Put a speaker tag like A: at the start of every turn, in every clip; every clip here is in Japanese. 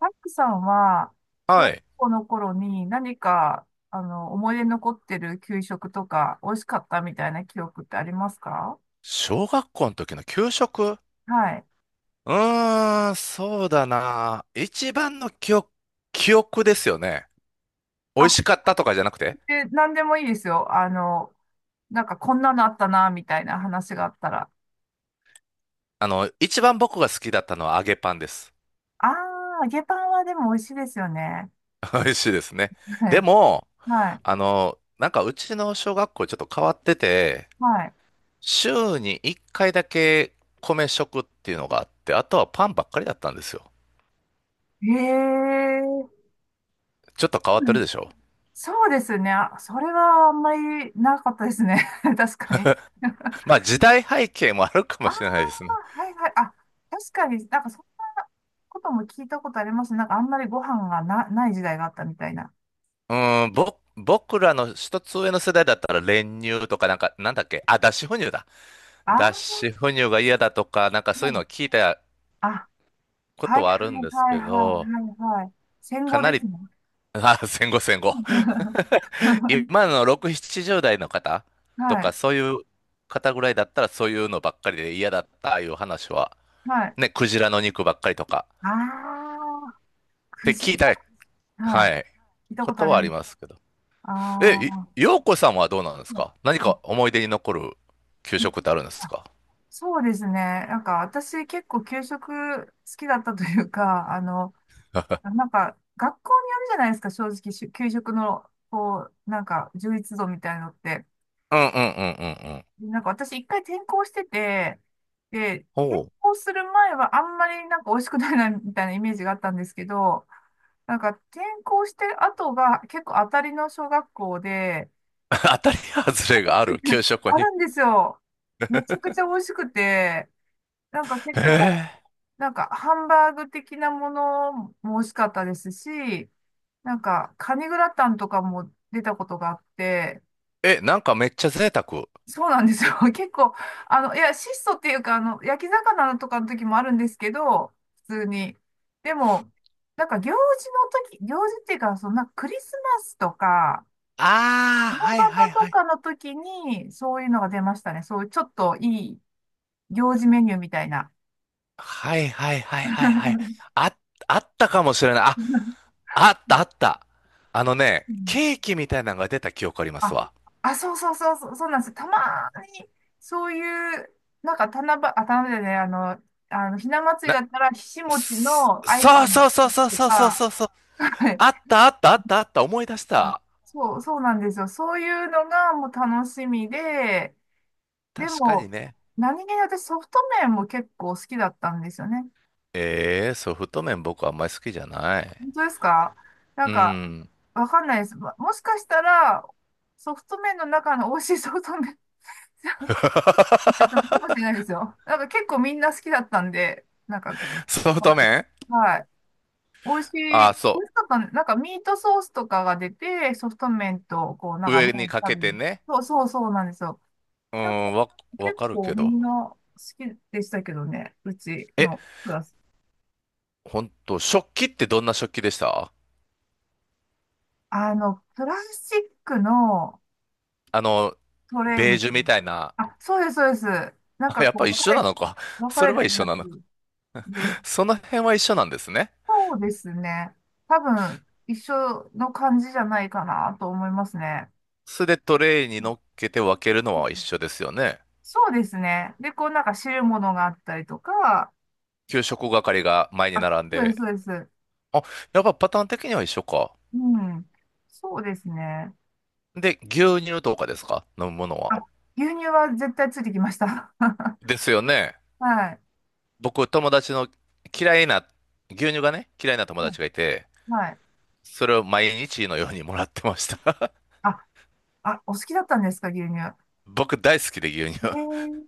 A: タックさんは、小
B: は
A: 学
B: い。
A: 校の頃に何か、思い出に残ってる給食とか、美味しかったみたいな記憶ってありますか？
B: 小学校の時の給食。
A: はい。
B: うーん、そうだな。一番の記憶ですよね。美味
A: あ、
B: しかったとかじゃなくて、
A: で、何でもいいですよ。なんかこんなのあったな、みたいな話があったら。
B: 一番僕が好きだったのは揚げパンです。
A: あー、揚げパンはでも美味しいですよね。
B: 美味しいですね。
A: は
B: で
A: い。
B: も、
A: はい。
B: なんかうちの小学校ちょっと変わってて、
A: はい。
B: 週に1回だけ米食っていうのがあって、あとはパンばっかりだったんですよ。
A: へえ、
B: ちょっと変わってるでしょ。
A: そうですね。あ、それはあんまりなかったですね。確かに。
B: まあ時代背景もあるかも
A: ああ、
B: しれないですね。
A: はいはい。あ、確かになんかそんなことも聞いたことありますね。なんかあんまりご飯がな、ない時代があったみたいな。
B: うん、僕らの一つ上の世代だったら練乳とかなんか、なんだっけ、あ、脱脂粉乳だ。
A: ああ、
B: 脱脂粉乳が嫌だとか、なんかそういうのを
A: もう、
B: 聞いた
A: あ、
B: こ
A: は
B: と
A: い
B: はあるん
A: はい
B: です
A: は
B: け
A: いは
B: ど、
A: いはいはい。戦
B: か
A: 後
B: な
A: で
B: り、
A: すね。
B: あ、戦後戦後。今の6、70代の方と
A: は
B: か、
A: い、
B: そういう方ぐらいだったらそういうのばっかりで嫌だったいう話は、
A: はい。
B: ね、クジラの肉ばっかりとか、
A: ああ、
B: っ
A: く
B: て
A: じ。
B: 聞いた、
A: は
B: は
A: い。
B: い、
A: 聞いた
B: こ
A: ことあ
B: と
A: り
B: はあ
A: ま
B: り
A: す。
B: ますけど。え、
A: あー、
B: いようこさんはどうなんです
A: あ、
B: か？何か思い出に残る給
A: び
B: 食ってあるんで
A: あ、
B: すか？
A: そうですね。なんか私結構給食好きだったというか、なんか、学校にあるじゃないですか、正直、給食の、こう、なんか、充実度みたいのって。
B: うんうんうんうんうん。
A: で、なんか、私、一回転校してて、で、転
B: おう。
A: 校する前は、あんまり、なんか、美味しくないな、みたいなイメージがあったんですけど、なんか、転校して後が、結構、当たりの小学校で、
B: 当たり外れがある給 食
A: あ
B: に。
A: るんですよ。めちゃくちゃ美味しくて、なんか、結構、
B: え
A: なんか、ハンバーグ的なものも美味しかったですし、なんか、カニグラタンとかも出たことがあって、
B: ええ、なんかめっちゃ贅沢。
A: そうなんですよ。結構、あの、いや、質素っていうか、あの、焼き魚とかの時もあるんですけど、普通に。でも、なんか行事の時、行事っていうか、そんなクリスマスとか、
B: ああ、
A: 大
B: はい
A: バ
B: はい
A: バと
B: はい。
A: かの時に、そういうのが出ましたね。そういうちょっといい行事メニューみたいな。
B: はいはいはいはいはい。あ、あったかもしれない。あ、あったあった。あのね、
A: うん、
B: ケーキみたいなのが出た記憶あります
A: あ、
B: わ。
A: あ、そうそうそう、そうそうなんです。たまに、そういう、なんか、七夕、あ、七夕じゃない、あの、ひな祭り
B: な、
A: だったら、ひしもちのアイコ
B: そう
A: ン
B: そうそうそう
A: と
B: そうそう
A: か、
B: そうそう。
A: はい、
B: あったあったあったあった。思い出し
A: あ、
B: た。
A: そう、そうなんですよ。そういうのがもう楽しみで、で
B: 確かに
A: も、
B: ね。
A: 何気に私ソフト麺も結構好きだったんですよね。
B: ええーソフト麺僕あんまり好きじゃない。
A: 本当ですか？なん
B: う
A: か、
B: ん。
A: わかんないです。もしかしたら、ソフト麺の中の美味しいソフト麺 だったのかもしれ ないですよ。なんか結構みんな好きだったんで、なんか、
B: ソフ
A: は
B: ト
A: い
B: 麺。
A: はい。美味し
B: あ
A: い、美
B: あ、そ
A: 味しかったね。なんかミートソースとかが出て、ソフト麺と、こう、なん
B: う。
A: か
B: 上
A: 前
B: に
A: に
B: かけ
A: 食べ
B: て
A: る。
B: ね。
A: そうそうそうなんですよ。
B: う
A: なんか
B: ん、わ
A: 結
B: かる
A: 構
B: け
A: み
B: ど。
A: んな好きでしたけどね、うち
B: え、
A: のクラス。
B: ほんと、食器ってどんな食器でした？
A: あの、プラスチックの
B: あの、
A: トレイ
B: ベー
A: みたい
B: ジュみたいな。
A: な。あ、そうです、そうです。なん
B: あ、
A: か
B: やっ
A: こ
B: ぱ
A: う、
B: 一緒なのか。
A: 分か
B: それ
A: れ
B: は
A: て
B: 一
A: る
B: 緒
A: やつ
B: なのか。
A: で、
B: その辺は一緒なんですね。
A: そうですね。多分、一緒の感じじゃないかなと思いますね。
B: それでトレイに
A: う
B: 乗っけて分けるのは一
A: ん、
B: 緒ですよね。
A: そうですね。で、こうなんか汁物があったりとか、
B: 給食係が前に
A: あ、
B: 並ん
A: そうです、
B: で。
A: そうです。
B: あ、やっぱパターン的には一緒か。
A: うん。そうですね。
B: で、牛乳とかですか？飲むものは。
A: あ、牛乳は絶対ついてきました。
B: ですよね。
A: はい。
B: 僕、友達の嫌いな、牛乳がね、嫌いな友
A: うん、
B: 達がいて、
A: はい。
B: それを毎日のようにもらってました。
A: あ、あ、お好きだったんですか、牛乳。え
B: 僕大好きで牛乳。
A: ー、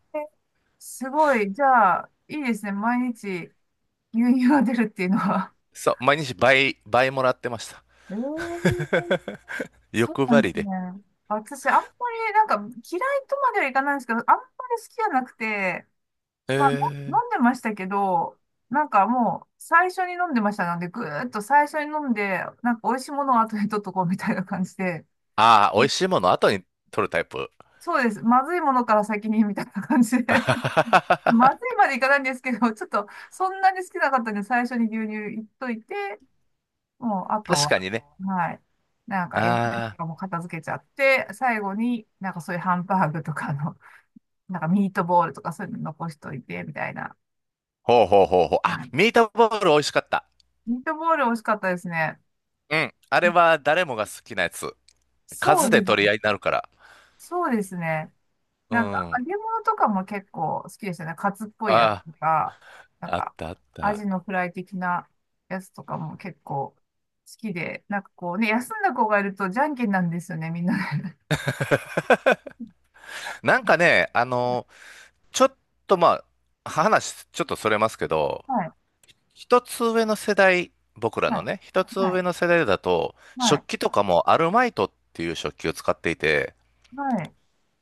A: すごい。じゃあ、いいですね。毎日牛乳が出るっていうのは。
B: そう、毎日倍、倍もらってました。
A: えー、 そう
B: 欲
A: な
B: 張
A: んで
B: り
A: す
B: で。
A: ね。私、あんまり、なんか、嫌いとまではいかないんですけど、あんまり好きじゃなくて、
B: え
A: まあ、の
B: ー、
A: 飲んでましたけど、なんかもう、最初に飲んでましたので、ぐーっと最初に飲んで、なんか、美味しいものを後で取っとこうみたいな感じで、
B: ああ、美味しいもの後に取るタイプ。
A: そうです。まずいものから先に、みたいな感じで。
B: 確
A: まずいまでいかないんですけど、ちょっと、そんなに好きなかったんで、最初に牛乳いっといて、もう、あとは、
B: かにね。
A: はい。なんか、野菜と
B: ああ、
A: かも片付けちゃって、最後になんかそういうハンバーグとかの、なんかミートボールとかそういうの残しといて、みたいな。
B: ほうほうほうほう。
A: は
B: あ、
A: い。
B: ミートボール美味しかった。
A: ミートボール美味しかったですね。
B: うん。あれは誰もが好きなやつ。
A: そ
B: 数
A: う
B: で
A: です。
B: 取り合いになるから。
A: そうですね。
B: う
A: なんか、
B: ん。
A: 揚げ物とかも結構好きですよね。カツっぽいやつ
B: あ
A: とか、なん
B: あ、あっ
A: か、
B: たあっ
A: ア
B: た。
A: ジのフライ的なやつとかも結構好きで、なんかこうね、休んだ子がいるとじゃんけんなんですよね、みんなで。
B: なんかね、ちょっとまあ、話、ちょっとそれますけど、
A: はい。
B: 一つ上の世代、僕ら
A: は
B: の
A: い。
B: ね、一つ
A: はい。
B: 上の世代だと、
A: はい。
B: 食器とかもアルマイトっていう食器を使っていて、
A: はい。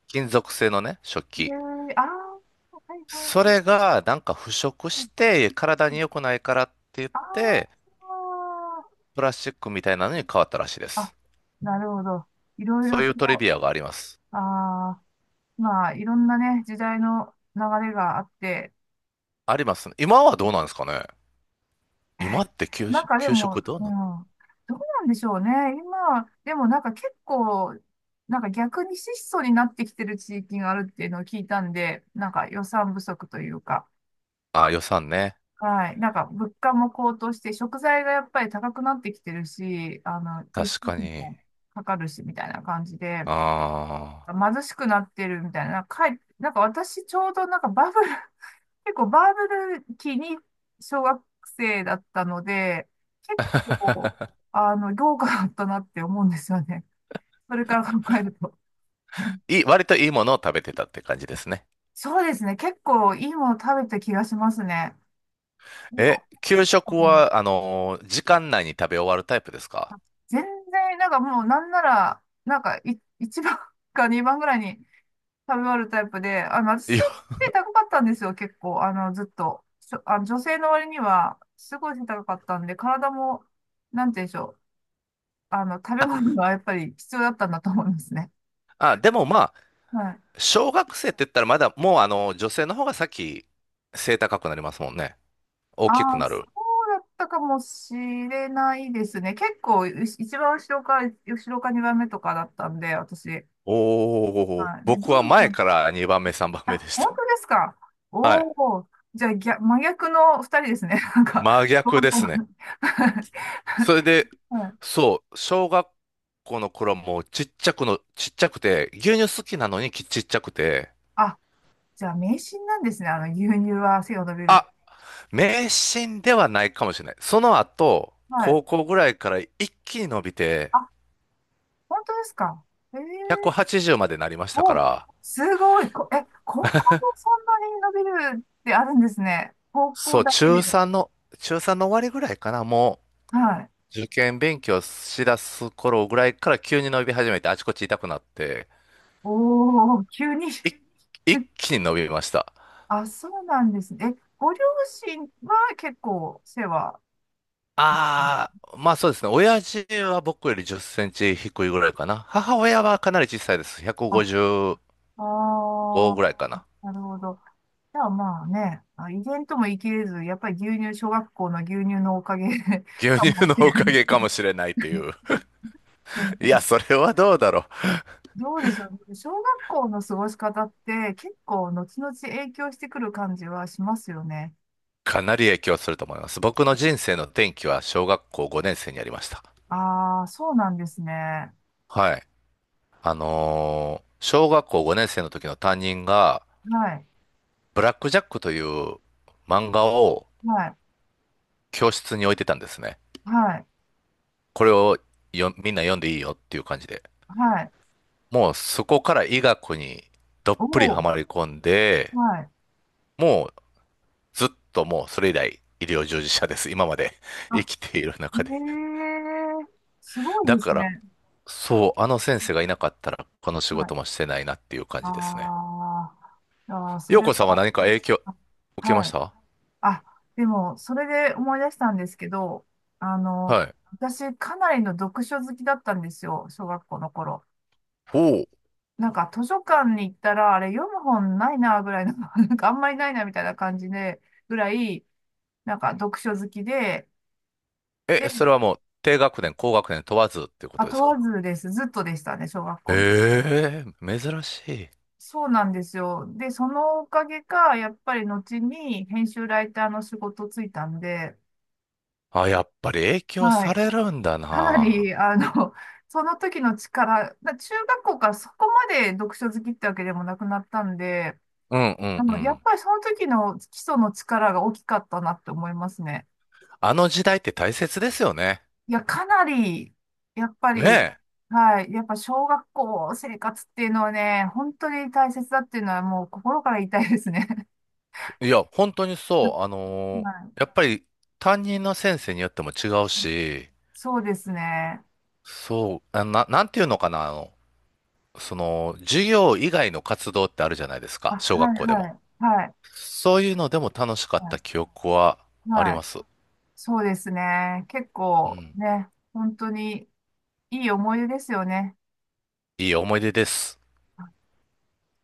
B: 金属製のね、食
A: ええ、
B: 器。
A: ああ、はいはい
B: そ
A: は
B: れ
A: い。
B: がなんか腐食
A: うん
B: して体
A: う
B: に
A: ん、
B: 良くないからって言っ
A: あ
B: て、プラスチックみたいなのに変わったらしいで
A: あ、あ、
B: す。
A: なるほど。いろい
B: そ
A: ろ
B: うい
A: と、
B: うトリビアがあります。
A: ああ、まあ、いろんなね、時代の流れがあって、
B: ありますね。今はどうなんですかね？今 って給
A: なん
B: 食、
A: かで
B: 給
A: も、
B: 食どう
A: う
B: な
A: ん、
B: の
A: どうなんでしょうね。今、でもなんか結構、なんか逆に質素になってきてる地域があるっていうのを聞いたんで、なんか予算不足というか。
B: あ、予算ね。
A: はい。なんか、物価も高騰して、食材がやっぱり高くなってきてるし、あの、輸出
B: 確
A: 費
B: かに。
A: もかかるし、みたいな感じで、
B: ああ。
A: 貧しくなってるみたいな、なんか、なんか私、ちょうどなんかバブル、結構バブル期に小学生だったので、結構、あの、豪華だったなって思うんですよね。それから考えると。
B: 割といいものを食べてたって感じですね。
A: そうですね。結構いいもの食べた気がしますね。なん
B: え、
A: か、
B: 給
A: う
B: 食
A: ん、
B: は、時間内に食べ終わるタイプですか？
A: 全然、なんかもうなんなら、なんか1番 か2番ぐらいに食べ終わるタイプで、あの、
B: い
A: 私背
B: や、
A: 高かったんですよ、結構。あの、ずっと。あの女性の割には、すごい背高かったんで、体も、なんて言うんでしょう。あの、食べ物
B: あ、
A: がやっぱり必要だったんだと思いますね。
B: あ、でもまあ、
A: はい。
B: 小学生って言ったらまだ、もう女性の方が先、背高くなりますもんね。大
A: あ
B: きく
A: あ、
B: な
A: そ
B: る。
A: うだったかもしれないですね。結構、一番後ろか、後ろか2番目とかだったんで、私。
B: おー、
A: はい。で、
B: 僕
A: ど
B: は
A: う
B: 前
A: ぞ、
B: から2番目、3番目で
A: あ、
B: し
A: 本
B: た。
A: 当ですか。
B: は
A: お
B: い。
A: お、じゃあ、逆、真逆の二人ですね。なんか、
B: 真
A: ど
B: 逆
A: ん
B: で
A: どん
B: すね。それで、
A: はい。
B: そう、小学校の頃もちっちゃくて、牛乳好きなのにきちっちゃくて、
A: あ、じゃあ、迷信なんですね。あの、牛乳は背が伸びる。
B: あ、迷信ではないかもしれない。その後、
A: はい。
B: 高校ぐらいから一気に伸びて、
A: あ、本当ですか。ええ、
B: 180までなりましたか
A: お、
B: ら、
A: すごい。こ、え、高校もそんなに伸びるってあるんですね。高
B: そ
A: 校
B: う、
A: だけ
B: 中
A: で。
B: 3の、中3の終わりぐらいかな、も
A: はい。
B: う、受験勉強しだす頃ぐらいから急に伸び始めて、あちこち痛くなって、
A: おお、急に。
B: い一気に伸びました。
A: あ、そうなんですね。え、ご両親は結構背は。
B: ああ、まあそうですね。親父は僕より10センチ低いぐらいかな。母親はかなり小さいです。
A: あ、
B: 155
A: ああ、
B: ぐらいかな。
A: なるほど。じゃあまあね、あ、遺伝とも言い切れず、やっぱり牛乳、小学校の牛乳のおかげ
B: 牛
A: か
B: 乳
A: も
B: の
A: しれ
B: お
A: な
B: か
A: い。
B: げかもしれないという。
A: でもな
B: い
A: んか、
B: や、それはどうだろう。
A: どうでしょうね。小学校の過ごし方って結構後々影響してくる感じはしますよね。
B: かなり影響すると思います。僕の人生の転機は小学校5年生にありました。
A: ああ、そうなんですね。は
B: はい。小学校5年生の時の担任が、
A: い、
B: ブラックジャックという漫画を
A: はい、
B: 教室に置いてたんですね。
A: はい、
B: これをよみんな読んでいいよっていう感じで。
A: はい。
B: もうそこから医学にどっ
A: お
B: ぷりは
A: お、
B: まり込んで、
A: はい。
B: もうずっとそれ以来医療従事者です。今まで 生
A: あ、
B: きている
A: え
B: 中で。
A: え、すごい
B: だ
A: で
B: か
A: す
B: ら
A: ね。
B: そう、あの先生がいなかったら、この仕
A: は
B: 事
A: い。
B: もしてないなっていう感じですね。
A: あー、あー、そ
B: 陽
A: れ
B: 子さんは
A: は、
B: 何か影響
A: あ、
B: 受けま
A: は
B: し
A: い。
B: た？
A: あ、でも、それで思い出したんですけど、あの、
B: はい。
A: 私、かなりの読書好きだったんですよ、小学校の頃。
B: おお。
A: なんか、図書館に行ったら、あれ、読む本ないな、ぐらいの、なんか、あんまりないな、みたいな感じで、ぐらい、なんか、読書好きで、
B: え、そ
A: で、
B: れはもう、低学年、高学年問わずっていうこ
A: あ、
B: とで
A: 問
B: すか？
A: わずです。ずっとでしたね、小学校の。
B: ええ珍しい。
A: そうなんですよ。で、そのおかげか、やっぱり後に編集ライターの仕事ついたんで、
B: あ、やっぱり影響
A: は
B: さ
A: い。
B: れるんだ
A: かな
B: な。
A: り、あの、その時の力、中学校からそこまで読書好きってわけでもなくなったんで、
B: うんう
A: あ
B: んう
A: の、やっ
B: ん。
A: ぱりその時の基礎の力が大きかったなって思いますね。
B: あの時代って大切ですよね。
A: いや、かなり、やっぱ
B: ね
A: り、はい、やっぱ小学校生活っていうのはね、本当に大切だっていうのはもう心から言いたいですね。
B: え。いや、本当にそう。
A: はい、
B: やっぱり担任の先生によっても違うし、
A: そうですね。
B: そう、なんていうのかな。授業以外の活動ってあるじゃないです
A: あ、
B: か、
A: は
B: 小学
A: い
B: 校で
A: は
B: も。
A: い、はい、
B: そういうのでも楽しか
A: は
B: っ
A: い、
B: た記憶はあり
A: はい、
B: ます。
A: そうですね。結
B: う
A: 構
B: ん。
A: ね、本当に、いい思い出ですよね。
B: いい思い出です。